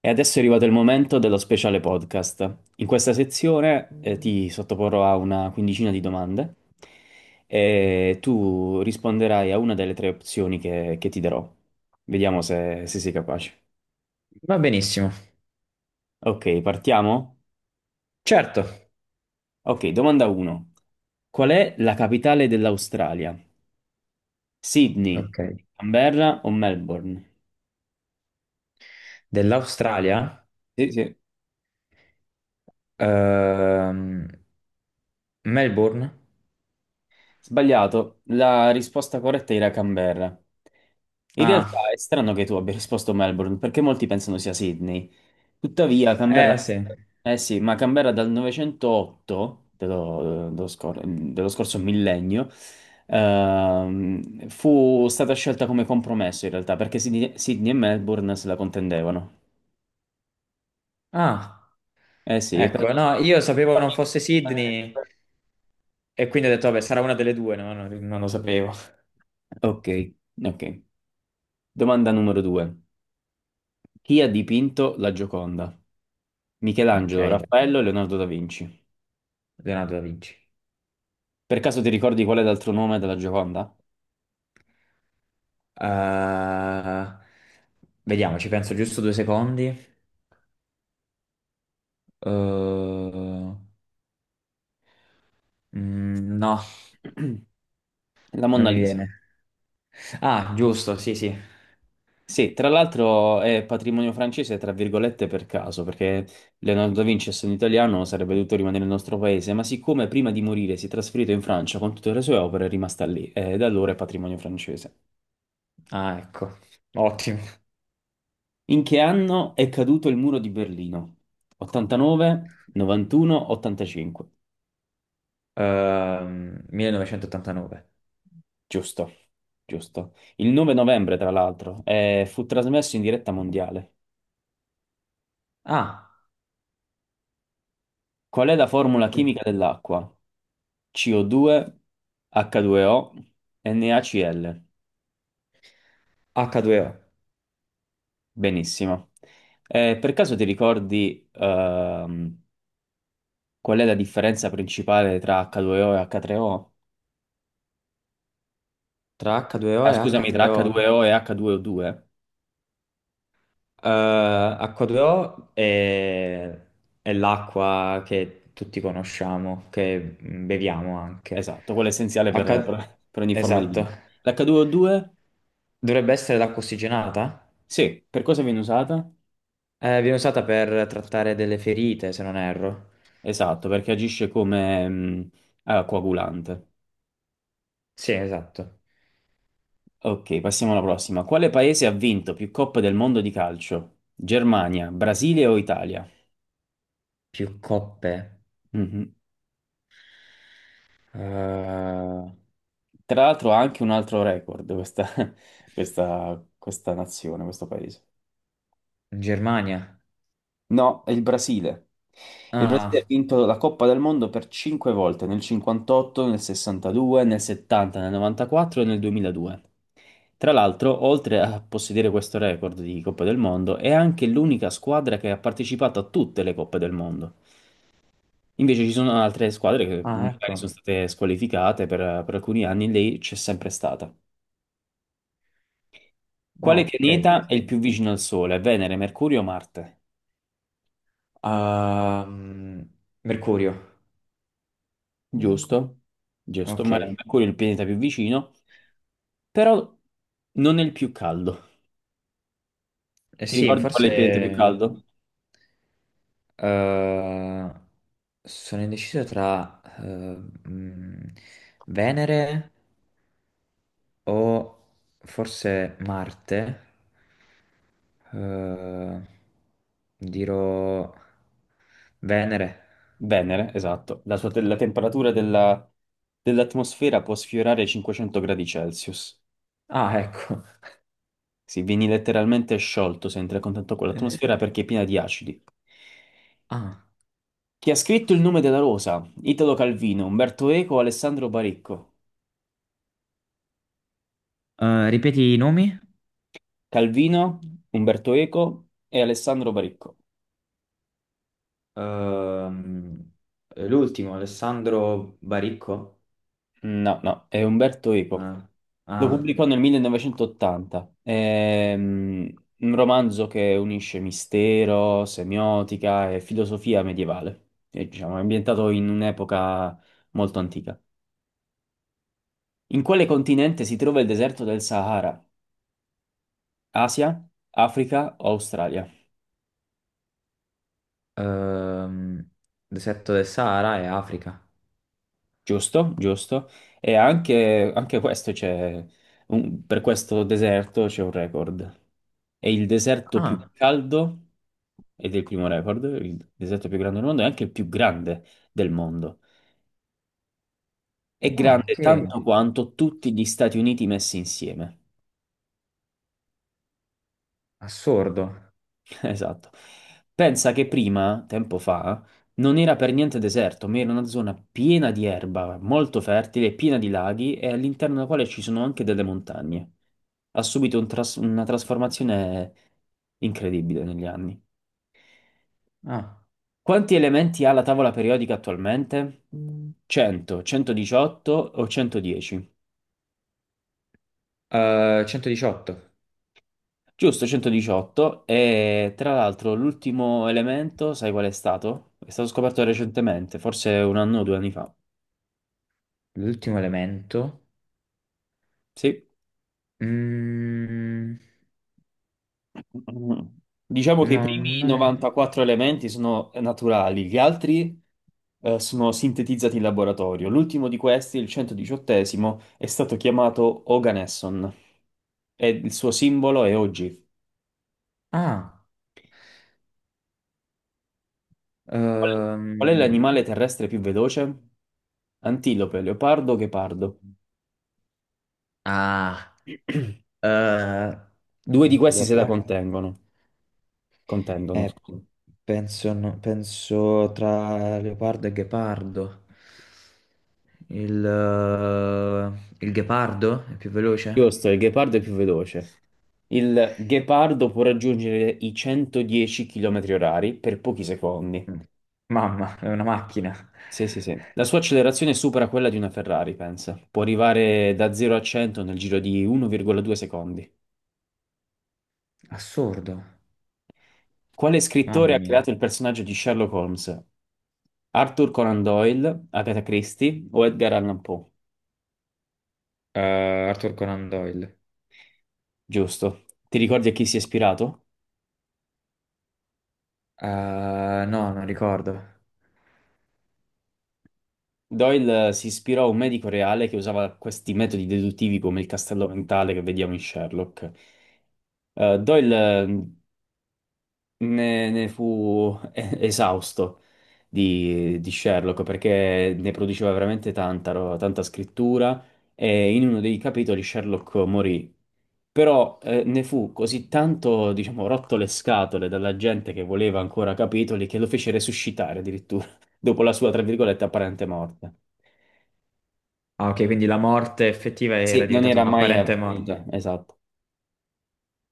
E adesso è arrivato il momento dello speciale podcast. In questa sezione ti sottoporrò a una quindicina di domande e tu risponderai a una delle tre opzioni che ti darò. Vediamo se sei capace. Va benissimo, Ok, partiamo? certo. Ok, domanda 1. Qual è la capitale dell'Australia? Sydney, Ok. Canberra o Melbourne? Dell'Australia? Sì, sì. Ehm, Melbourne? Sbagliato, la risposta corretta era Canberra. In realtà Ah, è strano che tu abbia risposto Melbourne, perché molti pensano sia Sydney. Tuttavia, eh Canberra. sì. Eh sì, ma Canberra dal 908, dello scorso millennio, fu stata scelta come compromesso in realtà, perché Sydney e Melbourne se la contendevano. Ah, Eh sì, per ecco, non no, io sapevo non farmi fosse inchiodare le Sydney e quindi ho detto, vabbè, sarà una delle due, no? No, non, lo sapevo. due. Ok, ok. Domanda numero due. Chi ha dipinto la Gioconda? Ok, Michelangelo, Raffaello e Leonardo da Vinci. Leonardo da Vinci. Per caso ti ricordi qual è l'altro nome della Gioconda? Eh, vediamo, ci penso giusto due secondi. No, La non Monna mi Lisa. viene. Ah, giusto, sì, sì. Sì, tra l'altro è patrimonio francese, tra virgolette, per caso, perché Leonardo da Vinci, essendo italiano, sarebbe dovuto rimanere nel nostro paese, ma siccome prima di morire si è trasferito in Francia con tutte le sue opere, è rimasta lì e da allora è patrimonio francese. Ah, ecco, ottimo. In che anno è caduto il muro di Berlino? 89, 91, 85. 1989. Giusto, giusto. Il 9 novembre, tra l'altro, fu trasmesso in diretta mondiale. Ah, Qual è la formula chimica dell'acqua? CO2, H2O, NaCl. H2O. Benissimo. Per caso ti ricordi, qual è la differenza principale tra H2O e H3O? Tra H2O Ah, e scusami, tra H3O. H2O e H2O2? H2O è l'acqua che tutti conosciamo, che beviamo anche. Esatto, quello è essenziale per, H... per- per ogni forma di Esatto. vita. L'H2O2? Dovrebbe essere l'acqua ossigenata? Sì, per cosa viene usata? Viene usata per trattare delle ferite, se non erro. Esatto, perché agisce come coagulante. Sì, esatto. Ok, passiamo alla prossima. Quale paese ha vinto più coppe del mondo di calcio? Germania, Brasile o Italia? Più coppe. Mhm. In Tra l'altro ha anche un altro record questa, questa nazione, questo paese. Germania. No, è il Brasile. Il Brasile ha Ah, vinto la Coppa del Mondo per cinque volte, nel 58, nel 62, nel 70, nel 94 e nel 2002. Tra l'altro, oltre a possedere questo record di Coppa del Mondo, è anche l'unica squadra che ha partecipato a tutte le Coppe del Mondo. Invece ci sono altre squadre che ah, magari ecco. sono state squalificate per alcuni anni, lei c'è sempre stata. Ah, Quale ok. pianeta è il più vicino al Sole? Venere, Mercurio o Marte? Ehm, Mercurio. Giusto? Giusto, ma Ok. Mercurio è il pianeta più vicino. Però non è il più caldo. Eh Ti sì, ricordi qual è il pianeta più forse caldo? eh, sono indeciso tra mm, Venere o forse Marte. Eh, dirò Venere. Venere, esatto. La temperatura dell'atmosfera può sfiorare i 500 gradi Celsius. Ah, ecco. Sì, vieni letteralmente sciolto se entri a contatto con Eh, l'atmosfera perché è piena di acidi. ah, Chi ha scritto Il nome della rosa? Italo Calvino, Umberto Eco, Alessandro Baricco. Ripeti i nomi? Calvino, Umberto Eco e Alessandro Baricco. Ehm, l'ultimo, Alessandro Baricco. No, no, è Umberto Eco. No. Lo Ah, pubblicò nel 1980. È un romanzo che unisce mistero, semiotica e filosofia medievale. E, diciamo, è ambientato in un'epoca molto antica. In quale continente si trova il deserto del Sahara? Asia, Africa o Australia? ehm, deserto del Sahara e Africa. Giusto, giusto. E anche questo c'è, per questo deserto c'è un record. È il deserto più Ah, caldo ed è il primo record, il deserto più grande del mondo, è anche il più grande del mondo. È oh, ok, grande tanto quanto tutti gli Stati Uniti messi insieme. assurdo. Esatto. Pensa che prima, tempo fa, non era per niente deserto, ma era una zona piena di erba, molto fertile, piena di laghi e all'interno della quale ci sono anche delle montagne. Ha subito una trasformazione incredibile negli anni. Ah, Quanti elementi ha la tavola periodica attualmente? 100, 118 o 110? 118, Giusto, 118. E tra l'altro l'ultimo elemento, sai qual è stato? È stato scoperto recentemente, forse un anno o 2 anni fa. l'ultimo elemento. Sì. Mm, Diciamo che i no, primi non è... 94 elementi sono naturali, gli altri sono sintetizzati in laboratorio. L'ultimo di questi, il 118esimo, è stato chiamato Oganesson e il suo simbolo è OG. Ah, Qual qual è ehm, l'animale terrestre più veloce? Antilope, leopardo, ghepardo. ah, eh, Due di questi se la leopardo. contengono. Contendono, Eh, scusa. penso, no- penso tra leopardo e ghepardo. Il ghepardo è più veloce? Giusto, il ghepardo è più veloce. Il ghepardo può raggiungere i 110 km orari per pochi secondi. Mm. Mamma, è una macchina. Sì, sì, sì. La sua accelerazione supera quella di una Ferrari, pensa. Può arrivare da 0 a 100 nel giro di 1,2 secondi. Assurdo. Quale scrittore Mamma ha mia. creato il personaggio di Sherlock Holmes? Arthur Conan Doyle, Agatha Christie o Edgar Allan Poe? Arthur Conan Doyle. Giusto. Ti ricordi a chi si è ispirato? Eh, no, non ricordo. Doyle si ispirò a un medico reale che usava questi metodi deduttivi come il castello mentale che vediamo in Sherlock. Doyle ne fu esausto di Sherlock perché ne produceva veramente tanta scrittura e in uno dei capitoli Sherlock morì. Però ne fu così tanto, diciamo, rotto le scatole dalla gente che voleva ancora capitoli che lo fece resuscitare addirittura dopo la sua, tra virgolette, apparente morte. Ah, ok, quindi la morte effettiva era Sì, non diventata era mai un'apparente morte. avvenuta, esatto.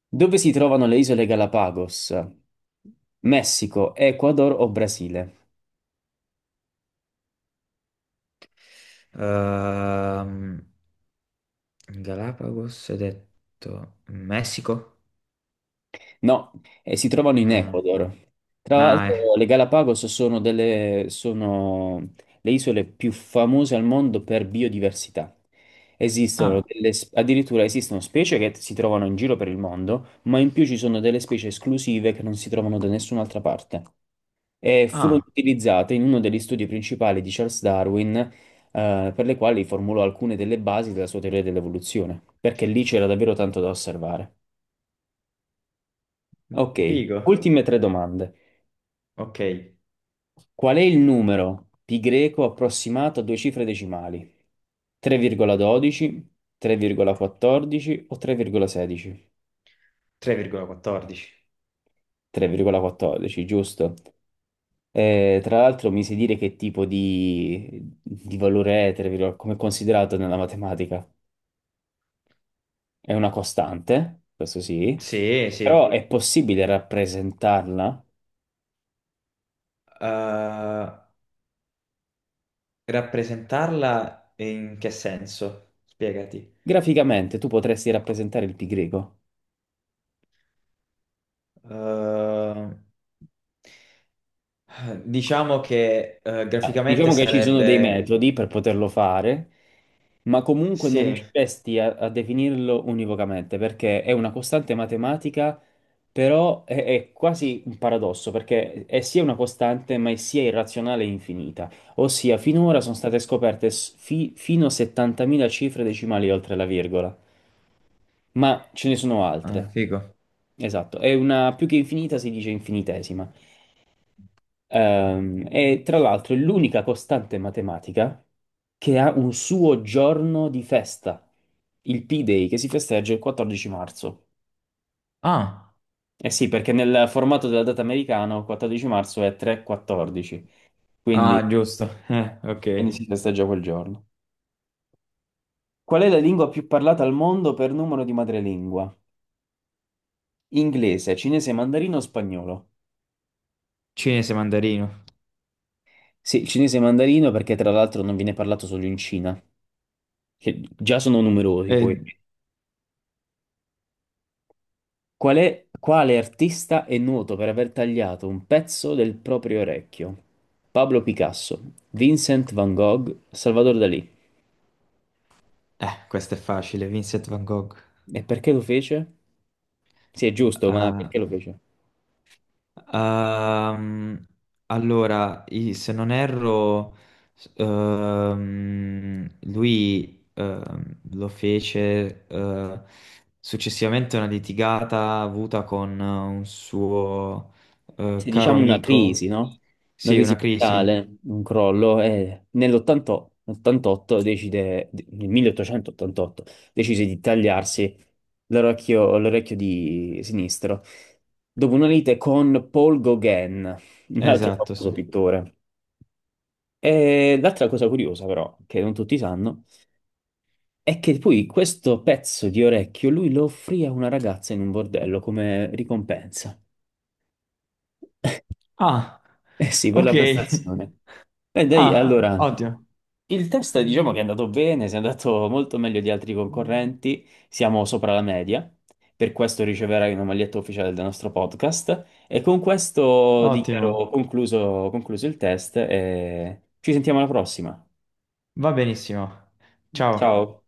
Dove si trovano le isole Galapagos? Messico, Ecuador o Brasile? Ehm, Galapagos, hai detto Messico? No, si trovano in No. Ecuador. Tra Ah, l'altro, eh. le Galapagos sono le isole più famose al mondo per biodiversità. Esistono Ah, addirittura esistono specie che si trovano in giro per il mondo, ma in più ci sono delle specie esclusive che non si trovano da nessun'altra parte. E furono ah, utilizzate in uno degli studi principali di Charles Darwin, per le quali formulò alcune delle basi della sua teoria dell'evoluzione, perché lì c'era davvero tanto da osservare. Ok, figo. ultime tre domande. Ok, Qual è il numero pi greco approssimato a due cifre decimali? 3,12, 3,14 o 3,16? 3,14. 3,14, giusto. Tra l'altro mi sai dire che tipo di valore è 3,14, come è considerato nella matematica? È una costante, questo sì, Sì, però sì. è possibile rappresentarla. Eh, rappresentarla in che senso? Spiegati. Graficamente tu potresti rappresentare il pi greco. Eh, diciamo che Eh, graficamente Diciamo che ci sono dei sarebbe... metodi per poterlo fare, ma comunque non Sì, riusciresti a definirlo univocamente, perché è una costante matematica, però è quasi un paradosso, perché è sia una costante, ma è sia irrazionale e infinita. Ossia, finora sono state scoperte fino a 70.000 cifre decimali oltre la virgola. Ma ce ne sono ah, altre. figo. Esatto, è una più che infinita, si dice infinitesima. E tra l'altro è l'unica costante matematica che ha un suo giorno di festa, il P-Day, che si festeggia il 14 marzo. Ah, Eh sì, perché nel formato della data americano 14 marzo è 3-14, ah, quindi, giusto. Ok. quindi si festeggia quel giorno. Qual è la lingua più parlata al mondo per numero di madrelingua? Inglese, cinese, mandarino o spagnolo? Cinese mandarino. Sì, il cinese mandarino perché tra l'altro non viene parlato solo in Cina, che già sono numerosi poi. Eh, Quale artista è noto per aver tagliato un pezzo del proprio orecchio? Pablo Picasso, Vincent van Gogh, Salvador Dalì. Questo è facile, Vincent Van Gogh. E perché lo fece? Sì, è giusto, ma Ah, perché lo fece? ehm, allora, i- se non erro, s- lui lo fece successivamente a una litigata avuta con un suo Se caro diciamo una amico. crisi, no? Una Sì, crisi una crisi. mentale, un crollo, e nell'88 decide, nel 1888 decise di tagliarsi l'orecchio di sinistro, dopo una lite con Paul Gauguin, un altro Esatto, famoso sì. pittore. E l'altra cosa curiosa, però, che non tutti sanno, è che poi questo pezzo di orecchio lui lo offrì a una ragazza in un bordello come ricompensa. Ah, Eh sì, per la ok. prestazione. E dai, ah, Ah, allora, ottimo, il test diciamo che è andato bene, si è andato molto meglio di altri concorrenti, siamo sopra la media, per questo riceverai una maglietta ufficiale del nostro podcast e con questo ottimo. dichiaro concluso il test e ci sentiamo alla prossima. Va benissimo. Ciao. Ciao.